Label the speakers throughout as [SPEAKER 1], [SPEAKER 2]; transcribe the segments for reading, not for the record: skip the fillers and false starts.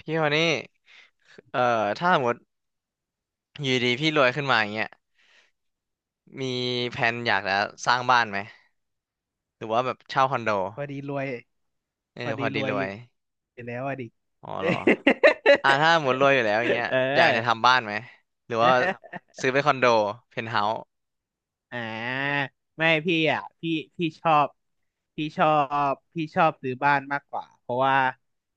[SPEAKER 1] พี่คนนี้เอ่อถ้าสมมติอยู่ดีพี่รวยขึ้นมาอย่างเงี้ยมีแผนอยากจะสร้างบ้านไหมหรือว่าแบบเช่าคอนโด
[SPEAKER 2] พอดีรวย
[SPEAKER 1] เออ
[SPEAKER 2] พอ
[SPEAKER 1] พ
[SPEAKER 2] ดี
[SPEAKER 1] อ
[SPEAKER 2] ร
[SPEAKER 1] ดี
[SPEAKER 2] วย
[SPEAKER 1] ร
[SPEAKER 2] อ
[SPEAKER 1] ว
[SPEAKER 2] ยู่
[SPEAKER 1] ย
[SPEAKER 2] อยู่แล้วอะดิ
[SPEAKER 1] อ๋อเหรอ ถ้าสมมติรวยอยู่แล้วอย่างเงี้ย
[SPEAKER 2] เออ
[SPEAKER 1] อยากจะทำ บ้านไหม หรือ
[SPEAKER 2] ได้
[SPEAKER 1] ว่า
[SPEAKER 2] ครับ
[SPEAKER 1] ซื้อเป็นคอนโดเพนท์เฮาส์
[SPEAKER 2] อ่าไม่พี่อ่ะพี่พี่ชอบพี่ชอบพี่ชอบซื้อบ้านมากกว่าเพราะว่า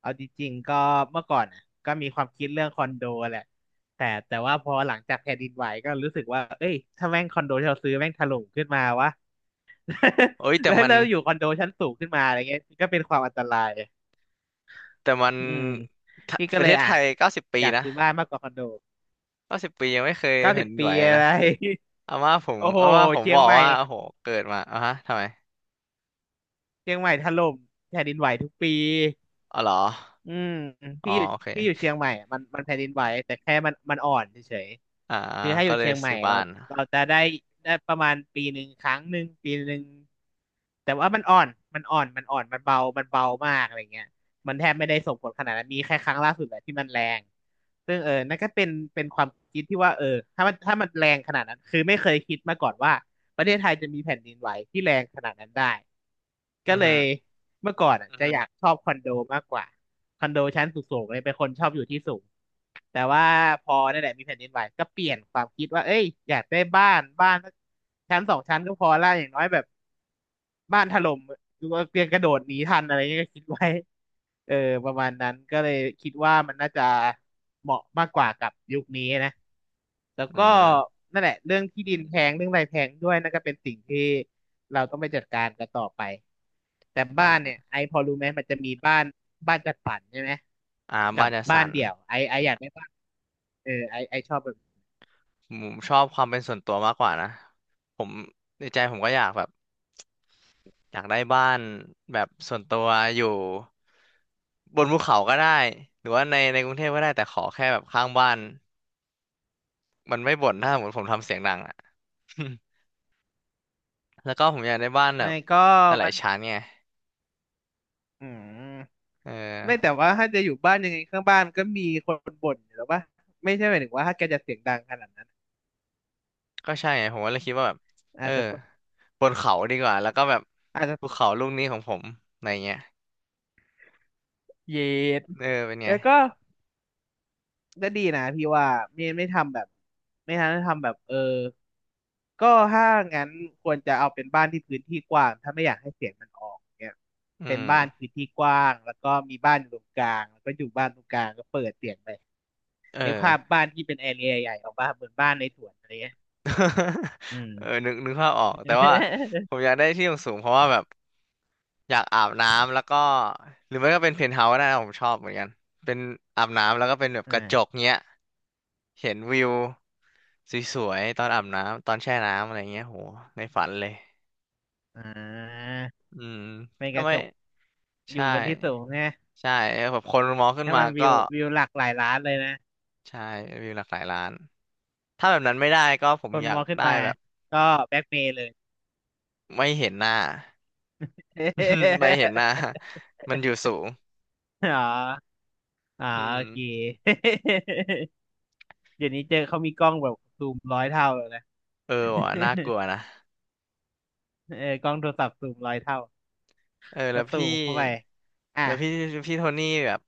[SPEAKER 2] เอาจริงๆก็เมื่อก่อนอ่ะก็มีความคิดเรื่องคอนโดแหละแต่ว่าพอหลังจากแผ่นดินไหวก็รู้สึกว่าเอ้ยถ้าแม่งคอนโดที่เราซื้อแม่งถล่มขึ้นมาวะ
[SPEAKER 1] เอ้ย
[SPEAKER 2] แล้วเราอยู่คอนโดชั้นสูงขึ้นมาอะไรเงี้ยก็เป็นความอันตราย
[SPEAKER 1] แต่มัน
[SPEAKER 2] อืมพี่ก็
[SPEAKER 1] ประ
[SPEAKER 2] เล
[SPEAKER 1] เท
[SPEAKER 2] ย
[SPEAKER 1] ศไท
[SPEAKER 2] อ่ะ
[SPEAKER 1] ยเก้าสิบปี
[SPEAKER 2] อยาก
[SPEAKER 1] นะ
[SPEAKER 2] ซื้อบ้านมากกว่าคอนโด
[SPEAKER 1] เก้าสิบปียังไม่เคย
[SPEAKER 2] เก้า
[SPEAKER 1] แผ่
[SPEAKER 2] สิ
[SPEAKER 1] น
[SPEAKER 2] บ
[SPEAKER 1] ดิน
[SPEAKER 2] ปี
[SPEAKER 1] ไหวเลย
[SPEAKER 2] อะ
[SPEAKER 1] นะ
[SPEAKER 2] ไร โอ้โห
[SPEAKER 1] อาม่าผม
[SPEAKER 2] เชีย
[SPEAKER 1] บ
[SPEAKER 2] ง
[SPEAKER 1] อก
[SPEAKER 2] ใหม่
[SPEAKER 1] ว่าโอ้โหเกิดมาอ่ะฮะทำไม
[SPEAKER 2] เชียงใหม่ถล่มแผ่นดินไหวทุกปี
[SPEAKER 1] อ๋อเหรอ
[SPEAKER 2] อืม
[SPEAKER 1] อ๋อ
[SPEAKER 2] พี่อยู่
[SPEAKER 1] โอเค
[SPEAKER 2] พี่อยู่เชียงใหม่อะมันแผ่นดินไหวแต่แค่มันอ่อนเฉย
[SPEAKER 1] อ่า
[SPEAKER 2] ๆคือถ้าอ
[SPEAKER 1] ก็
[SPEAKER 2] ยู่
[SPEAKER 1] เล
[SPEAKER 2] เชี
[SPEAKER 1] ย
[SPEAKER 2] ยงใหม่
[SPEAKER 1] ซื้อบ้า
[SPEAKER 2] เรา
[SPEAKER 1] น
[SPEAKER 2] จะได้ประมาณปีหนึ่งครั้งหนึ่งปีหนึ่งแต่ว่ามันอ่อนมันเบามากอะไรเงี้ยมันแทบไม่ได้ส่งผลขนาดนั้นมีแค่ครั้งล่าสุดแหละที่มันแรงซึ่งนั่นก็เป็นความคิดที่ว่าถ้ามันแรงขนาดนั้นคือไม่เคยคิดมาก่อนว่า ประเทศไทยจะมีแผ่นดินไหวที่แรงขนาดนั้นได้ก็
[SPEAKER 1] อือ
[SPEAKER 2] เล
[SPEAKER 1] ฮึ
[SPEAKER 2] ยเมื่อก่อนอะอือจะฮะอยากชอบคอนโดมากกว่าคอนโดชั้นสูงๆเลยเป็นคนชอบอยู่ที่สูงแต่ว่าพอนั่นแหละมีแผ่นดินไหวก็เปลี่ยนความคิดว่าเอ้ยอยากได้บ้านสักชั้นสองชั้นก็พอละอย่างน้อยแบบ บ้านถล่มหรือว่าเตรียมกระโดดหนีทันอะไรเงี้ยก็คิดไว้เออประมาณนั้นก็เลยคิดว่ามันน่าจะเหมาะมากกว่ากับยุคนี้นะแล้ว
[SPEAKER 1] อื
[SPEAKER 2] ก็
[SPEAKER 1] ม
[SPEAKER 2] นั่นแหละเรื่องที่ดินแพงเรื่องอะไรแพงด้วยนั่นก็เป็นสิ่งที่เราต้องไปจัดการกันต่อไปแต่บ้านเนี่
[SPEAKER 1] อ่า
[SPEAKER 2] ยไอพอรู้ไหมมันจะมีบ้านจัดสรรใช่ไหม
[SPEAKER 1] อาร์ม
[SPEAKER 2] กั
[SPEAKER 1] บ้า
[SPEAKER 2] บ
[SPEAKER 1] นจั
[SPEAKER 2] บ้า
[SPEAKER 1] สั
[SPEAKER 2] น
[SPEAKER 1] น
[SPEAKER 2] เดี่ยวไออยากได้บ้านไอชอบแบบ
[SPEAKER 1] ผมชอบความเป็นส่วนตัวมากกว่านะผมในใจผมก็อยากแบบอยากได้บ้านแบบส่วนตัวอยู่บนภูเขาก็ได้หรือว่าในกรุงเทพก็ได้แต่ขอแค่แบบข้างบ้านมันไม่บ่นถ้าสมมติผมทำเสียงดังอ่ะ แล้วก็ผมอยากได้บ้าน
[SPEAKER 2] ไอ
[SPEAKER 1] แบบ
[SPEAKER 2] ก็
[SPEAKER 1] หลา
[SPEAKER 2] มั
[SPEAKER 1] ย
[SPEAKER 2] น
[SPEAKER 1] ๆชั้นไง
[SPEAKER 2] อืม
[SPEAKER 1] เออ
[SPEAKER 2] ไม่แต่ว่าถ้าจะอยู่บ้านยังไงข้างบ้านก็มีคนบ่นอยู่แล้วป่ะไม่ใช่หมายถึงว่าถ้าแกจะเสียงดังขนาดนั้น
[SPEAKER 1] ก็ใช่ไงผมก็เลยคิดว่าแบบเอ
[SPEAKER 2] อาจ
[SPEAKER 1] อ
[SPEAKER 2] จะต้อง
[SPEAKER 1] บนเขาดีกว่าแล้วก็แบบ
[SPEAKER 2] อาจจะ
[SPEAKER 1] ภูเขาลูกนี้ของผมอะไรเงี้ย
[SPEAKER 2] เย็ด
[SPEAKER 1] เออเป็นไง
[SPEAKER 2] แล้วก็ก็ดีนะพี่ว่าไม่ทำแบบไม่ทำแบบก็ถ้างั้นควรจะเอาเป็นบ้านที่พื้นที่กว้างถ้าไม่อยากให้เสียงมันออกเนี่ย
[SPEAKER 1] อื
[SPEAKER 2] เป็น
[SPEAKER 1] ม
[SPEAKER 2] บ้านพื้นที่กว้างแล้วก็มีบ้านอยู่ตรงกลางแล้วก็อยู่บ้านตรงกลางก็เปิดเสียงไป
[SPEAKER 1] เอ
[SPEAKER 2] ในกภาพ
[SPEAKER 1] อ
[SPEAKER 2] บ้านที่เป็นแอเรียใหญ่ออกมาเหมือนบ้านในสวนอะไรเงี้ย อืม
[SPEAKER 1] เออนึกภาพออกแต่ว่าผ มอยากได้ที่สูงๆเพราะว่าแบบอยากอาบน้ำแล้วก็หรือไม่ก็เป็นเพนท์เฮาส์ก็ได้นะผมชอบเหมือนกันเป็นอาบน้ำแล้วก็เป็นแบบ
[SPEAKER 2] อ่
[SPEAKER 1] กระจ
[SPEAKER 2] า
[SPEAKER 1] กเงี้ยเห็นวิวสวยๆตอนอาบน้ำตอนแช่น้ำอะไรเงี้ยโหในฝันเลย
[SPEAKER 2] อ่า
[SPEAKER 1] อืม
[SPEAKER 2] เป็นก
[SPEAKER 1] ทำ
[SPEAKER 2] ระ
[SPEAKER 1] ไม
[SPEAKER 2] จกอยู่
[SPEAKER 1] ใช่
[SPEAKER 2] บนที่สูงนะ
[SPEAKER 1] ใช่เออแบบคนมองขึ้น
[SPEAKER 2] ให้
[SPEAKER 1] มา
[SPEAKER 2] มัน
[SPEAKER 1] ก็
[SPEAKER 2] วิวหลักหลายล้านเลยนะ
[SPEAKER 1] ใช่วิวหลากหลายล้านถ้าแบบนั้นไม่ได้ก็ผ
[SPEAKER 2] ค
[SPEAKER 1] ม
[SPEAKER 2] น
[SPEAKER 1] อยา
[SPEAKER 2] ม
[SPEAKER 1] ก
[SPEAKER 2] องขึ้น
[SPEAKER 1] ได้
[SPEAKER 2] มา
[SPEAKER 1] แบบ
[SPEAKER 2] ก็แบ็กเมย์เลย
[SPEAKER 1] ไม่เห็นหน้า ไม่เห็นหน้า มันอยู่สูง
[SPEAKER 2] อ๋ออ๋อ
[SPEAKER 1] อื
[SPEAKER 2] โอ
[SPEAKER 1] ม
[SPEAKER 2] เค เดี๋ยวนี้เจอเขามีกล้องแบบซูมร้อยเท่าเลยนะ
[SPEAKER 1] เออว่ะน่ากลัวนะ
[SPEAKER 2] เออกล้องโทรศัพท์ซูมร้อยเท่า
[SPEAKER 1] เออแล้
[SPEAKER 2] ก็
[SPEAKER 1] ว
[SPEAKER 2] ซู
[SPEAKER 1] พี่
[SPEAKER 2] มเข้าไปอ่ะ
[SPEAKER 1] แล้วพี่พี่โทนี่แบบ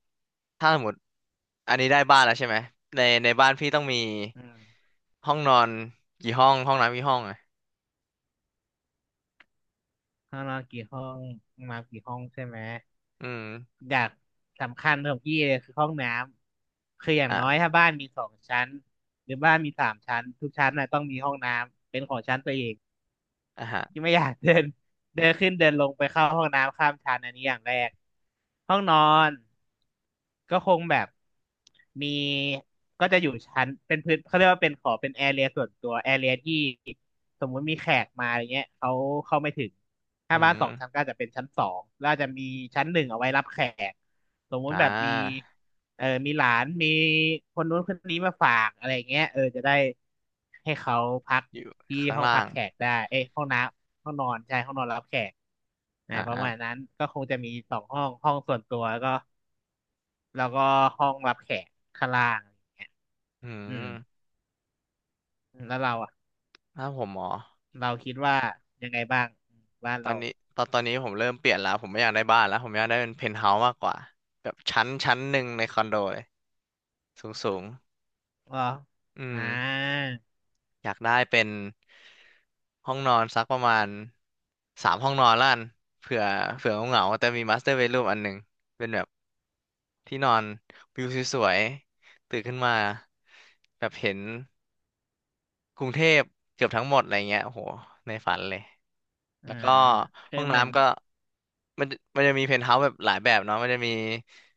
[SPEAKER 1] ถ้าสมมติอันนี้ได้บ้านแล้วใช่ไหมในบ้านพี่ต้องมี
[SPEAKER 2] อืม
[SPEAKER 1] ห้องนอนกี่ห้องห้องน้ำกี่ห้องอ่ะ
[SPEAKER 2] ข้างนอนกี่ห้องมากี่ห้องใช่ไหม
[SPEAKER 1] อืม
[SPEAKER 2] อย่างสำคัญของพี่เลยคือห้องน้ำคืออย่างน้อย
[SPEAKER 1] อ่ะ
[SPEAKER 2] ถ้าบ้านมีสองชั้นหรือบ้านมี3 ชั้นทุกชั้นน่ะต้องมีห้องน้ำเป็นของชั้นตัวเอง
[SPEAKER 1] อ่ะฮะ
[SPEAKER 2] ที่ไม่อยากเดิน เดินขึ้นเดินลงไปเข้าห้องน้ำข้ามชั้นอันนี้อย่างแรกห้องนอนก็คงแบบมีก็จะอยู่ชั้นเป็นพื้นเขาเรียกว่าเป็นขอเป็นแอเรียส่วนตัวแอเรียที่สมมุติมีแขกมาอะไรเงี้ยเขาเข้าไม่ถึง
[SPEAKER 1] อื
[SPEAKER 2] ถ้าบ้านสอ
[SPEAKER 1] ม
[SPEAKER 2] งชั้นก็อาจจะเป็นชั้นสองแล้วอาจจะมีชั้นหนึ่งเอาไว้รับแขกสมมุ
[SPEAKER 1] อ่
[SPEAKER 2] ติแบบมี
[SPEAKER 1] า
[SPEAKER 2] เออมีหลานมีคนนู้นคนนี้มาฝากอะไรเงี้ยเออจะได้ให้เขาพัก
[SPEAKER 1] อยู่
[SPEAKER 2] ที่
[SPEAKER 1] ข้าง
[SPEAKER 2] ห้อง
[SPEAKER 1] ล่า
[SPEAKER 2] พัก
[SPEAKER 1] ง
[SPEAKER 2] แขกได้เอ้ยห้องน้ำห้องนอนใช่ห้องนอนรับแขก
[SPEAKER 1] อ
[SPEAKER 2] นะประมาณ
[SPEAKER 1] ่า
[SPEAKER 2] นั้นก็คงจะมี2 ห้องห้องส่วนตัวแล้วก็ห้องรับแขกข้างล่างอะไรเงี้ย
[SPEAKER 1] อื
[SPEAKER 2] อืม
[SPEAKER 1] ม
[SPEAKER 2] แล้วเราอ่ะ
[SPEAKER 1] ถ้าผมหมอ
[SPEAKER 2] เราคิดว่ายังไงบ้างอืมบ้าน
[SPEAKER 1] ตอ
[SPEAKER 2] เรา
[SPEAKER 1] นนี้ตอนนี้ผมเริ่มเปลี่ยนแล้วผมไม่อยากได้บ้านแล้วผมอยากได้เป็นเพนท์เฮาส์มากกว่าแบบชั้นหนึ่งในคอนโดเลยสูงสูง
[SPEAKER 2] อ๋อ
[SPEAKER 1] อื
[SPEAKER 2] อ่
[SPEAKER 1] ม
[SPEAKER 2] า
[SPEAKER 1] อยากได้เป็นห้องนอนสักประมาณ3 ห้องนอนละกันเผื่อเหงาๆแต่มีมาสเตอร์เบดรูมอันหนึ่งเป็นแบบที่นอนวิวสวยๆตื่นขึ้นมาแบบเห็นกรุงเทพเกือบทั้งหมดอะไรเงี้ยโอ้โหในฝันเลย
[SPEAKER 2] อ่า
[SPEAKER 1] แล้วก็
[SPEAKER 2] คือ
[SPEAKER 1] ห้อง
[SPEAKER 2] เหมือน
[SPEAKER 1] น้ำก็มันจะมีเพนท์เฮาส์แบบหลายแบบเนาะมันจะมี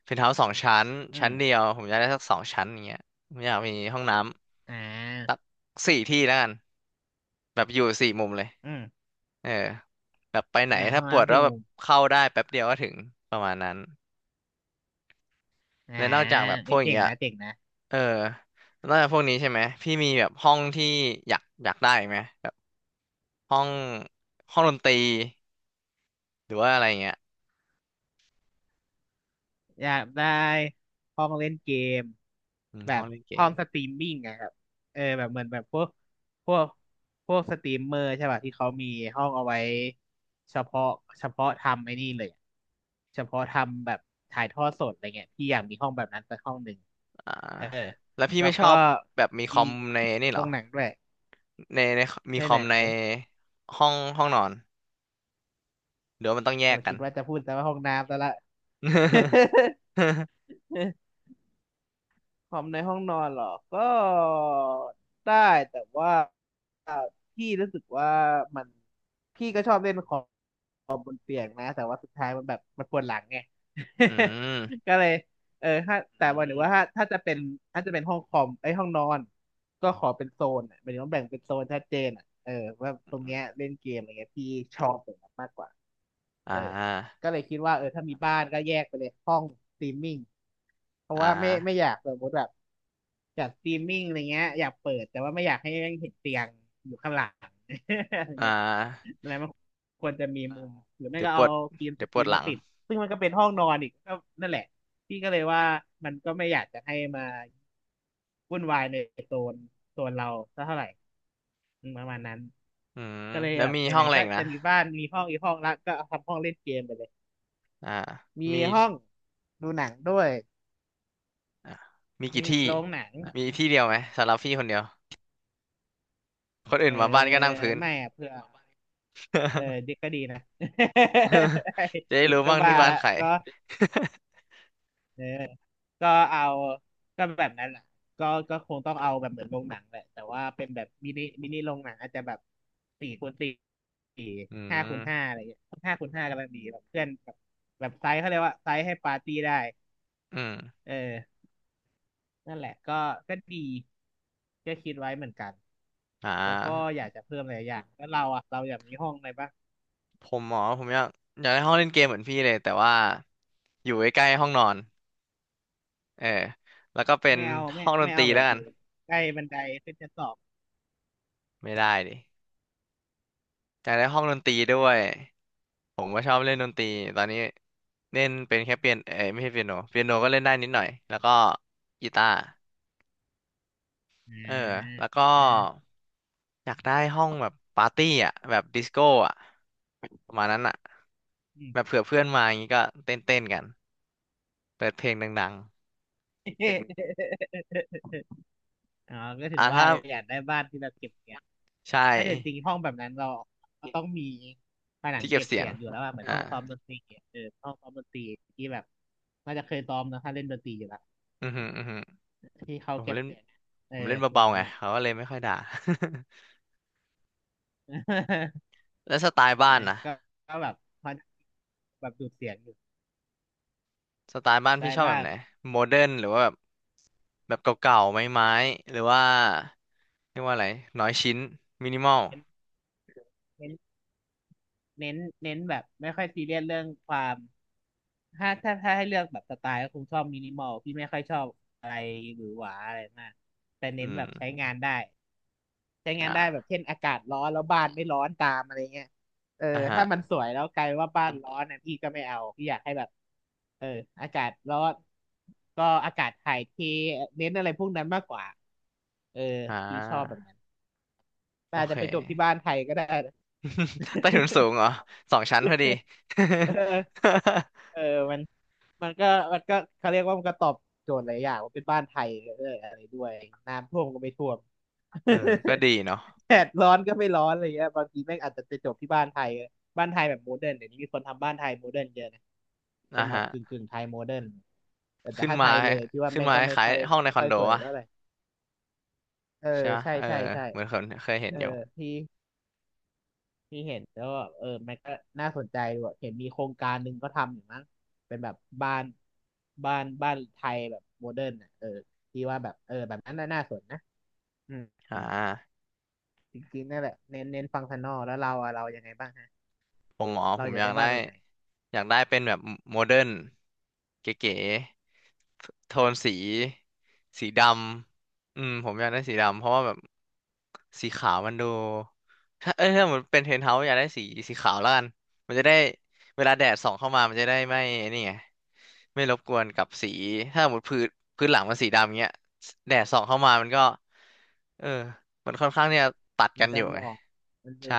[SPEAKER 1] เพนท์เฮาส์สองชั้น
[SPEAKER 2] อื
[SPEAKER 1] ชั้
[SPEAKER 2] ม
[SPEAKER 1] นเดียวผมอยากได้สักสองชั้นอย่างเงี้ยผมอยากมีห้องน้
[SPEAKER 2] อ่
[SPEAKER 1] ำสัก
[SPEAKER 2] า
[SPEAKER 1] 4 ที่แล้วกัน แบบอยู่4 มุมเลย
[SPEAKER 2] อืม
[SPEAKER 1] เออแบบไปไหน
[SPEAKER 2] อ่าห้
[SPEAKER 1] ถ้า
[SPEAKER 2] อง
[SPEAKER 1] ปวด
[SPEAKER 2] น้ำ
[SPEAKER 1] ก็
[SPEAKER 2] สี่
[SPEAKER 1] แบ
[SPEAKER 2] มุ
[SPEAKER 1] บ
[SPEAKER 2] ม
[SPEAKER 1] เข้าได้แป๊บเดียวก็ถึงประมาณนั้น
[SPEAKER 2] อ่า
[SPEAKER 1] และนอกจากแบบพ
[SPEAKER 2] เอ้
[SPEAKER 1] ว
[SPEAKER 2] ย
[SPEAKER 1] กอย่า
[SPEAKER 2] เจ๋
[SPEAKER 1] ง
[SPEAKER 2] ง
[SPEAKER 1] เงี้ย
[SPEAKER 2] นะเจ๋งนะ
[SPEAKER 1] เออนอกจากพวกนี้ใช่ไหม พี่มีแบบห้องที่อยากได้อีกไหมแบบห้องดนตรีหรือว่าอะไรเงี้ย
[SPEAKER 2] อยากได้ห้องเล่นเกม
[SPEAKER 1] อืม
[SPEAKER 2] แบ
[SPEAKER 1] ห้อ
[SPEAKER 2] บ
[SPEAKER 1] งเล่นเก
[SPEAKER 2] ห้อ
[SPEAKER 1] ม
[SPEAKER 2] งสตรีมมิ่งอะครับเออแบบเหมือนแบบพวกพวกสตรีมเมอร์ใช่ป่ะที่เขามีห้องเอาไว้เฉพาะเฉพาะทำไอ้นี่เลยอะเฉพาะทำแบบถ่ายทอดสดอะไรเงี้ยพี่อยากมีห้องแบบนั้นสักห้องหนึ่ง
[SPEAKER 1] อ่า
[SPEAKER 2] เออ
[SPEAKER 1] แล้วพี่
[SPEAKER 2] แล้ว
[SPEAKER 1] ไม่ช
[SPEAKER 2] ก็
[SPEAKER 1] อบแบบมีค
[SPEAKER 2] มี
[SPEAKER 1] อมในนี่เห
[SPEAKER 2] โร
[SPEAKER 1] รอ
[SPEAKER 2] งหนังด้วย
[SPEAKER 1] ในมี
[SPEAKER 2] ไหน
[SPEAKER 1] คอ
[SPEAKER 2] ไหน
[SPEAKER 1] มในห้องนอนหรือว่ามันต้องแย
[SPEAKER 2] เรา
[SPEAKER 1] กกั
[SPEAKER 2] คิ
[SPEAKER 1] น
[SPEAKER 2] ดว่าจะพูดแต่ว่าห้องน้ำซะละ คอมในห้องนอนเหรอก็ได้แต่ว่าพี่รู้สึกว่ามันพี่ก็ชอบเล่นคอมเปียกนะแต่ว่าสุดท้ายมันแบบมันปวดหลังไง
[SPEAKER 1] อืม
[SPEAKER 2] ก็เลยถ้าแต่ว่าหรือว่าถ้าจะเป็นถ้าจะเป็นห้องคอมไอ้ยห้องนอนก็ขอเป็นโซนอ่ะหมายถึงว่าแบ่งเป็นโซนชัดเจนอ่ะเออว่าตรงเนี้ยเล่นเกมอะไรเงี้ยพี่ชอบแบบนั้นมากกว่า
[SPEAKER 1] อ่
[SPEAKER 2] เออ
[SPEAKER 1] า
[SPEAKER 2] ก็เลยคิดว่าเออถ้ามีบ้านก็แยกไปเลยห้องสตรีมมิ่งเพราะ
[SPEAKER 1] อ่
[SPEAKER 2] ว่าไม่
[SPEAKER 1] า
[SPEAKER 2] อยากสมมติแบบ จัดสตรีมมิ่งอะไรเงี้ยอยากเปิดแต่ว่าไม่อยากให้แม่งเห็นเตียงอยู่ข้างหลัง อะไร
[SPEAKER 1] อ่
[SPEAKER 2] เงี้ย
[SPEAKER 1] า
[SPEAKER 2] อะไรมันควรจะมีมุมหรือไม่
[SPEAKER 1] เดี๋ยว
[SPEAKER 2] ก็
[SPEAKER 1] ปว
[SPEAKER 2] เอา
[SPEAKER 1] ด
[SPEAKER 2] กรีนส
[SPEAKER 1] เดี๋ยวป
[SPEAKER 2] กรี
[SPEAKER 1] วด
[SPEAKER 2] น
[SPEAKER 1] หลั
[SPEAKER 2] มา
[SPEAKER 1] ง
[SPEAKER 2] ติดซึ่งมันก็เป็นห้องนอนอีกก็นั่นแหละพี่ก็เลยว่ามันก็ไม่อยากจะให้มาวุ่นวายในโซนโซนเราสักเท่าไหร่อืมประมาณนั้น
[SPEAKER 1] อืม
[SPEAKER 2] ก็เลย
[SPEAKER 1] แล้ว
[SPEAKER 2] แบบ
[SPEAKER 1] มี
[SPEAKER 2] ไห
[SPEAKER 1] ห้อ
[SPEAKER 2] น
[SPEAKER 1] งอะไร
[SPEAKER 2] ๆก็
[SPEAKER 1] อีกนะ
[SPEAKER 2] จะมีบ้านมีห้องอีกห้องละก็เอาทำห้องเล่นเกมไปเลย
[SPEAKER 1] อ่า
[SPEAKER 2] มี
[SPEAKER 1] มี
[SPEAKER 2] ห้องดูหนังด้วย
[SPEAKER 1] อ่ามีกี่
[SPEAKER 2] มี
[SPEAKER 1] ที่
[SPEAKER 2] โรงหนัง
[SPEAKER 1] มีที่เดียวไหมสำหรับพี่คนเดียวคน
[SPEAKER 2] เอ
[SPEAKER 1] อื่น
[SPEAKER 2] อ
[SPEAKER 1] มาบ้านก็นั่งพื้น
[SPEAKER 2] ไม่อะเผื่อ เออดิกก็ดีนะ
[SPEAKER 1] จะได้รู้
[SPEAKER 2] ก็
[SPEAKER 1] บ้าง
[SPEAKER 2] มา
[SPEAKER 1] ที่บ้าน
[SPEAKER 2] และ
[SPEAKER 1] ใคร
[SPEAKER 2] ก็เออก็เอาก็แบบนั้นแหละก็คงต้องเอาแบบเหมือนโรงหนังแหละแต่ว่าเป็นแบบมินิโรงหนังอาจจะแบบสี่คูณสี่
[SPEAKER 1] อื
[SPEAKER 2] ห้าคู
[SPEAKER 1] ม
[SPEAKER 2] ณห้าอะไรอย่างเงี้ยห้าคูณห้ากำลังดีแบบเพื่อนแบบแบบไซส์เขาเรียกว่าไซส์ให้ปาร์ตี้ได้
[SPEAKER 1] อืม
[SPEAKER 2] เออนั่นแหละก็ก็ดีก็คิดไว้เหมือนกัน
[SPEAKER 1] อ่
[SPEAKER 2] แล้วก็
[SPEAKER 1] า
[SPEAKER 2] อยากจะเพิ่มหลายอย่างแล้วเราอ่ะเราอยากมีห้องอะไรปะ
[SPEAKER 1] ผมหมอผมอยากได้ห้องเล่นเกมเหมือนพี่เลยแต่ว่าอยู่ใกล้ๆห้องนอนเออแล้วก็เป็น
[SPEAKER 2] ไม่เอาไม่
[SPEAKER 1] ห้องดน
[SPEAKER 2] ไม่
[SPEAKER 1] ตรี
[SPEAKER 2] เอาแบ
[SPEAKER 1] แล้ว
[SPEAKER 2] บอ
[SPEAKER 1] กัน
[SPEAKER 2] ยู่ใกล้บันไดขึ้นชั้นสอง
[SPEAKER 1] ไม่ได้ดิอยากได้ห้องดนตรีด้วย ผมก็ชอบเล่นดนตรีตอนนี้เล่นเป็นแค่เปียโนเอ้ยไม่ใช่เปียโนเปียโนก็เล่นได้นิดหน่อยแล้วก็กีตาร์
[SPEAKER 2] อ
[SPEAKER 1] เออ
[SPEAKER 2] ่า
[SPEAKER 1] แล้วก็
[SPEAKER 2] อืม
[SPEAKER 1] อยากได้ห้องแบบปาร์ตี้อ่ะแบบดิสโก้อ่ะประมาณนั้นอ่ะ
[SPEAKER 2] อืม
[SPEAKER 1] แบบเผื่อเพื่อนมาอย่างงี้ก็เต้นเต้นกันเปิดเพลงดัง
[SPEAKER 2] อ๋อก็
[SPEAKER 1] ๆ
[SPEAKER 2] ถึงว่า
[SPEAKER 1] ถ้า
[SPEAKER 2] เลยอยากได้บ้านที่เราเก็บเสียง
[SPEAKER 1] ใช่
[SPEAKER 2] ไม่แต่จริงห้องแบบนั้นเราเราต้องมีผนัง
[SPEAKER 1] ที่เก็
[SPEAKER 2] เก็
[SPEAKER 1] บ
[SPEAKER 2] บ
[SPEAKER 1] เสีย
[SPEAKER 2] เสี
[SPEAKER 1] ง
[SPEAKER 2] ยงอยู่แล้วอะเหมือนห้อง
[SPEAKER 1] อ่า
[SPEAKER 2] ซ้อมดนตรีอะเออห้องซ้อมดนตรีที่แบบน่าจะเคยซ้อมนะถ้าเล่นดนตรีอยู่แล้ว
[SPEAKER 1] อือหืออือหือ
[SPEAKER 2] ที่เขา
[SPEAKER 1] ผม
[SPEAKER 2] เก็บ
[SPEAKER 1] เล่น
[SPEAKER 2] เสียงเอ
[SPEAKER 1] ผม
[SPEAKER 2] อ
[SPEAKER 1] เล่น
[SPEAKER 2] แบ
[SPEAKER 1] เบา
[SPEAKER 2] บ
[SPEAKER 1] ๆไง
[SPEAKER 2] นั้นอ่ะ
[SPEAKER 1] เขาก็เลยไม่ค่อยด่า แล้วสไตล์บ้า
[SPEAKER 2] นะ
[SPEAKER 1] นนะ
[SPEAKER 2] ก็ก็แบบพอแบบดูดเสียงอยู่
[SPEAKER 1] สไตล์บ้าน
[SPEAKER 2] ใต้
[SPEAKER 1] พี่ชอบแบ
[SPEAKER 2] บ้า
[SPEAKER 1] บ
[SPEAKER 2] น
[SPEAKER 1] ไหน
[SPEAKER 2] อ่ะ
[SPEAKER 1] โมเดิร์นหรือว่าแบบ แบบเก่าๆไม้ๆหรือว่าเรียกว่าอะไรน้อยชิ้นมินิมอล
[SPEAKER 2] เป็นเป็น เน้นเน้นแบบไม่ค่อยซีเรียสเรื่องความถ้าให้เลือกแบบสไตล์ก็คงชอบมินิมอลพี่ไม่ค่อยชอบอะไรหรือหวาอะไรมากแต่เน้น
[SPEAKER 1] อื
[SPEAKER 2] แบ
[SPEAKER 1] ม
[SPEAKER 2] บใช้งานได้ใช้งา
[SPEAKER 1] อ่
[SPEAKER 2] นได้แบ
[SPEAKER 1] า
[SPEAKER 2] บเช่นอากาศร้อนแล้วบ้านไม่ร้อนตามอะไรเงี้ยเออ
[SPEAKER 1] อ่าฮะ
[SPEAKER 2] ถ้ามันสวยแล้วกลายว่าบ้านร้อนนะพี่ก็ไม่เอาพี่อยากให้แบบเอออากาศร้อนก็อากาศถ่ายเทเน้นอะไรพวกนั้นมากกว่าเออ
[SPEAKER 1] อ่
[SPEAKER 2] พี่ชอบแบ
[SPEAKER 1] า
[SPEAKER 2] บนั้นแต่
[SPEAKER 1] โอ
[SPEAKER 2] อาจ
[SPEAKER 1] เค
[SPEAKER 2] จะไปจบที่บ้านไทยก็ได้นะ
[SPEAKER 1] ใต้ถุนสูง เหรอ2 ชั้นพอดี
[SPEAKER 2] เออเออ มันมันก็มันก็เขาเรียกว่ามันก็ตอบโจทย์หลายอย่างว่าเป็นบ้านไทยเอออะไรด้วยน้ำท่วมก็ไม่ท่วม
[SPEAKER 1] เออก็ดีเนาะ
[SPEAKER 2] แดดร้อนก็ไม่ร้อนอะไรเงี้ยบางทีแม่งอาจจะไปจบที่บ้านไทยบ้านไทยแบบโมเดิร์นเดี๋ยวนี้มีคนทำบ้านไทยโมเดิร์นเยอะนะ
[SPEAKER 1] อ่า
[SPEAKER 2] เป็นแบ
[SPEAKER 1] ฮะ
[SPEAKER 2] บกึ่งไทยโมเดิร์นแต่
[SPEAKER 1] ขึ้น
[SPEAKER 2] ถ้า
[SPEAKER 1] มา
[SPEAKER 2] ไทยเลยพี่ว่า
[SPEAKER 1] ขึ้น
[SPEAKER 2] แม่ง
[SPEAKER 1] มา
[SPEAKER 2] ก็
[SPEAKER 1] คล้ายๆห้องใน
[SPEAKER 2] ไม่
[SPEAKER 1] คอ
[SPEAKER 2] ค่
[SPEAKER 1] น
[SPEAKER 2] อย
[SPEAKER 1] โด
[SPEAKER 2] สวย
[SPEAKER 1] วะ
[SPEAKER 2] เท่าไหร่เออ
[SPEAKER 1] ใช่ปะ
[SPEAKER 2] ใช่
[SPEAKER 1] เออ
[SPEAKER 2] ใช่ใช่
[SPEAKER 1] เหมือนเคยเห็น
[SPEAKER 2] เออ
[SPEAKER 1] อยู่
[SPEAKER 2] พี่ ที่เห็นแล้วแบบเออมันก็น่าสนใจด้วยเห็นมีโครงการหนึ่งก็ทำอยู่มั้งเป็นแบบบ้านบ้านไทยแบบโมเดิร์นอ่ะเออที่ว่าแบบเออแบบนั้นน่ะน่าสนนะอืมอื
[SPEAKER 1] อ่า
[SPEAKER 2] มจริงๆนั่นแหละเน้นฟังก์ชันนอลแล้วเราอะเรายังไงบ้างฮะ
[SPEAKER 1] อ๋อผ
[SPEAKER 2] เรา
[SPEAKER 1] ม
[SPEAKER 2] อยากได้บ้านแบบไหน
[SPEAKER 1] อยากได้เป็นแบบโมเดิร์นเก๋ๆโทนสีสีดำอืมผมอยากได้สีดำเพราะว่าแบบสีขาวมันดูเอ้ยถ้าเหมือนเป็นเทนเฮาส์อยากได้สีขาวแล้วกันมันจะได้เวลาแดดส่องเข้ามามันจะได้ไม่นี่ไงไม่รบกวนกับสีถ้าหมดพื้นหลังมันสีดำเงี้ยแดดส่องเข้ามามันก็เออมันค่อนข้างที่จะตัด
[SPEAKER 2] มั
[SPEAKER 1] กั
[SPEAKER 2] น
[SPEAKER 1] นอ
[SPEAKER 2] จะ
[SPEAKER 1] ยู่
[SPEAKER 2] เห
[SPEAKER 1] ไง
[SPEAKER 2] มาะมันจะ
[SPEAKER 1] ใช่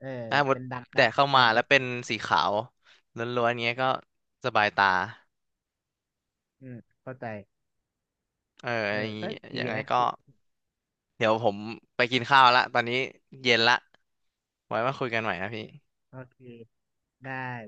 [SPEAKER 2] เออ
[SPEAKER 1] ถ้าหมด
[SPEAKER 2] เป็น
[SPEAKER 1] แดดเข้ามา
[SPEAKER 2] ดำแป
[SPEAKER 1] แล้วเป็
[SPEAKER 2] ล
[SPEAKER 1] น
[SPEAKER 2] ก
[SPEAKER 1] สีขาวล้วนๆเงี้ยก็สบายตา
[SPEAKER 2] ๆอืมเข้าใจ
[SPEAKER 1] เออ
[SPEAKER 2] เอ
[SPEAKER 1] อ
[SPEAKER 2] อ
[SPEAKER 1] ย่างงี้
[SPEAKER 2] ก็ดี
[SPEAKER 1] ยังไง
[SPEAKER 2] นะ
[SPEAKER 1] ก็เดี๋ยวผมไปกินข้าวละตอนนี้เย็นละไว้มาคุยกันใหม่นะพี่
[SPEAKER 2] โอเคได้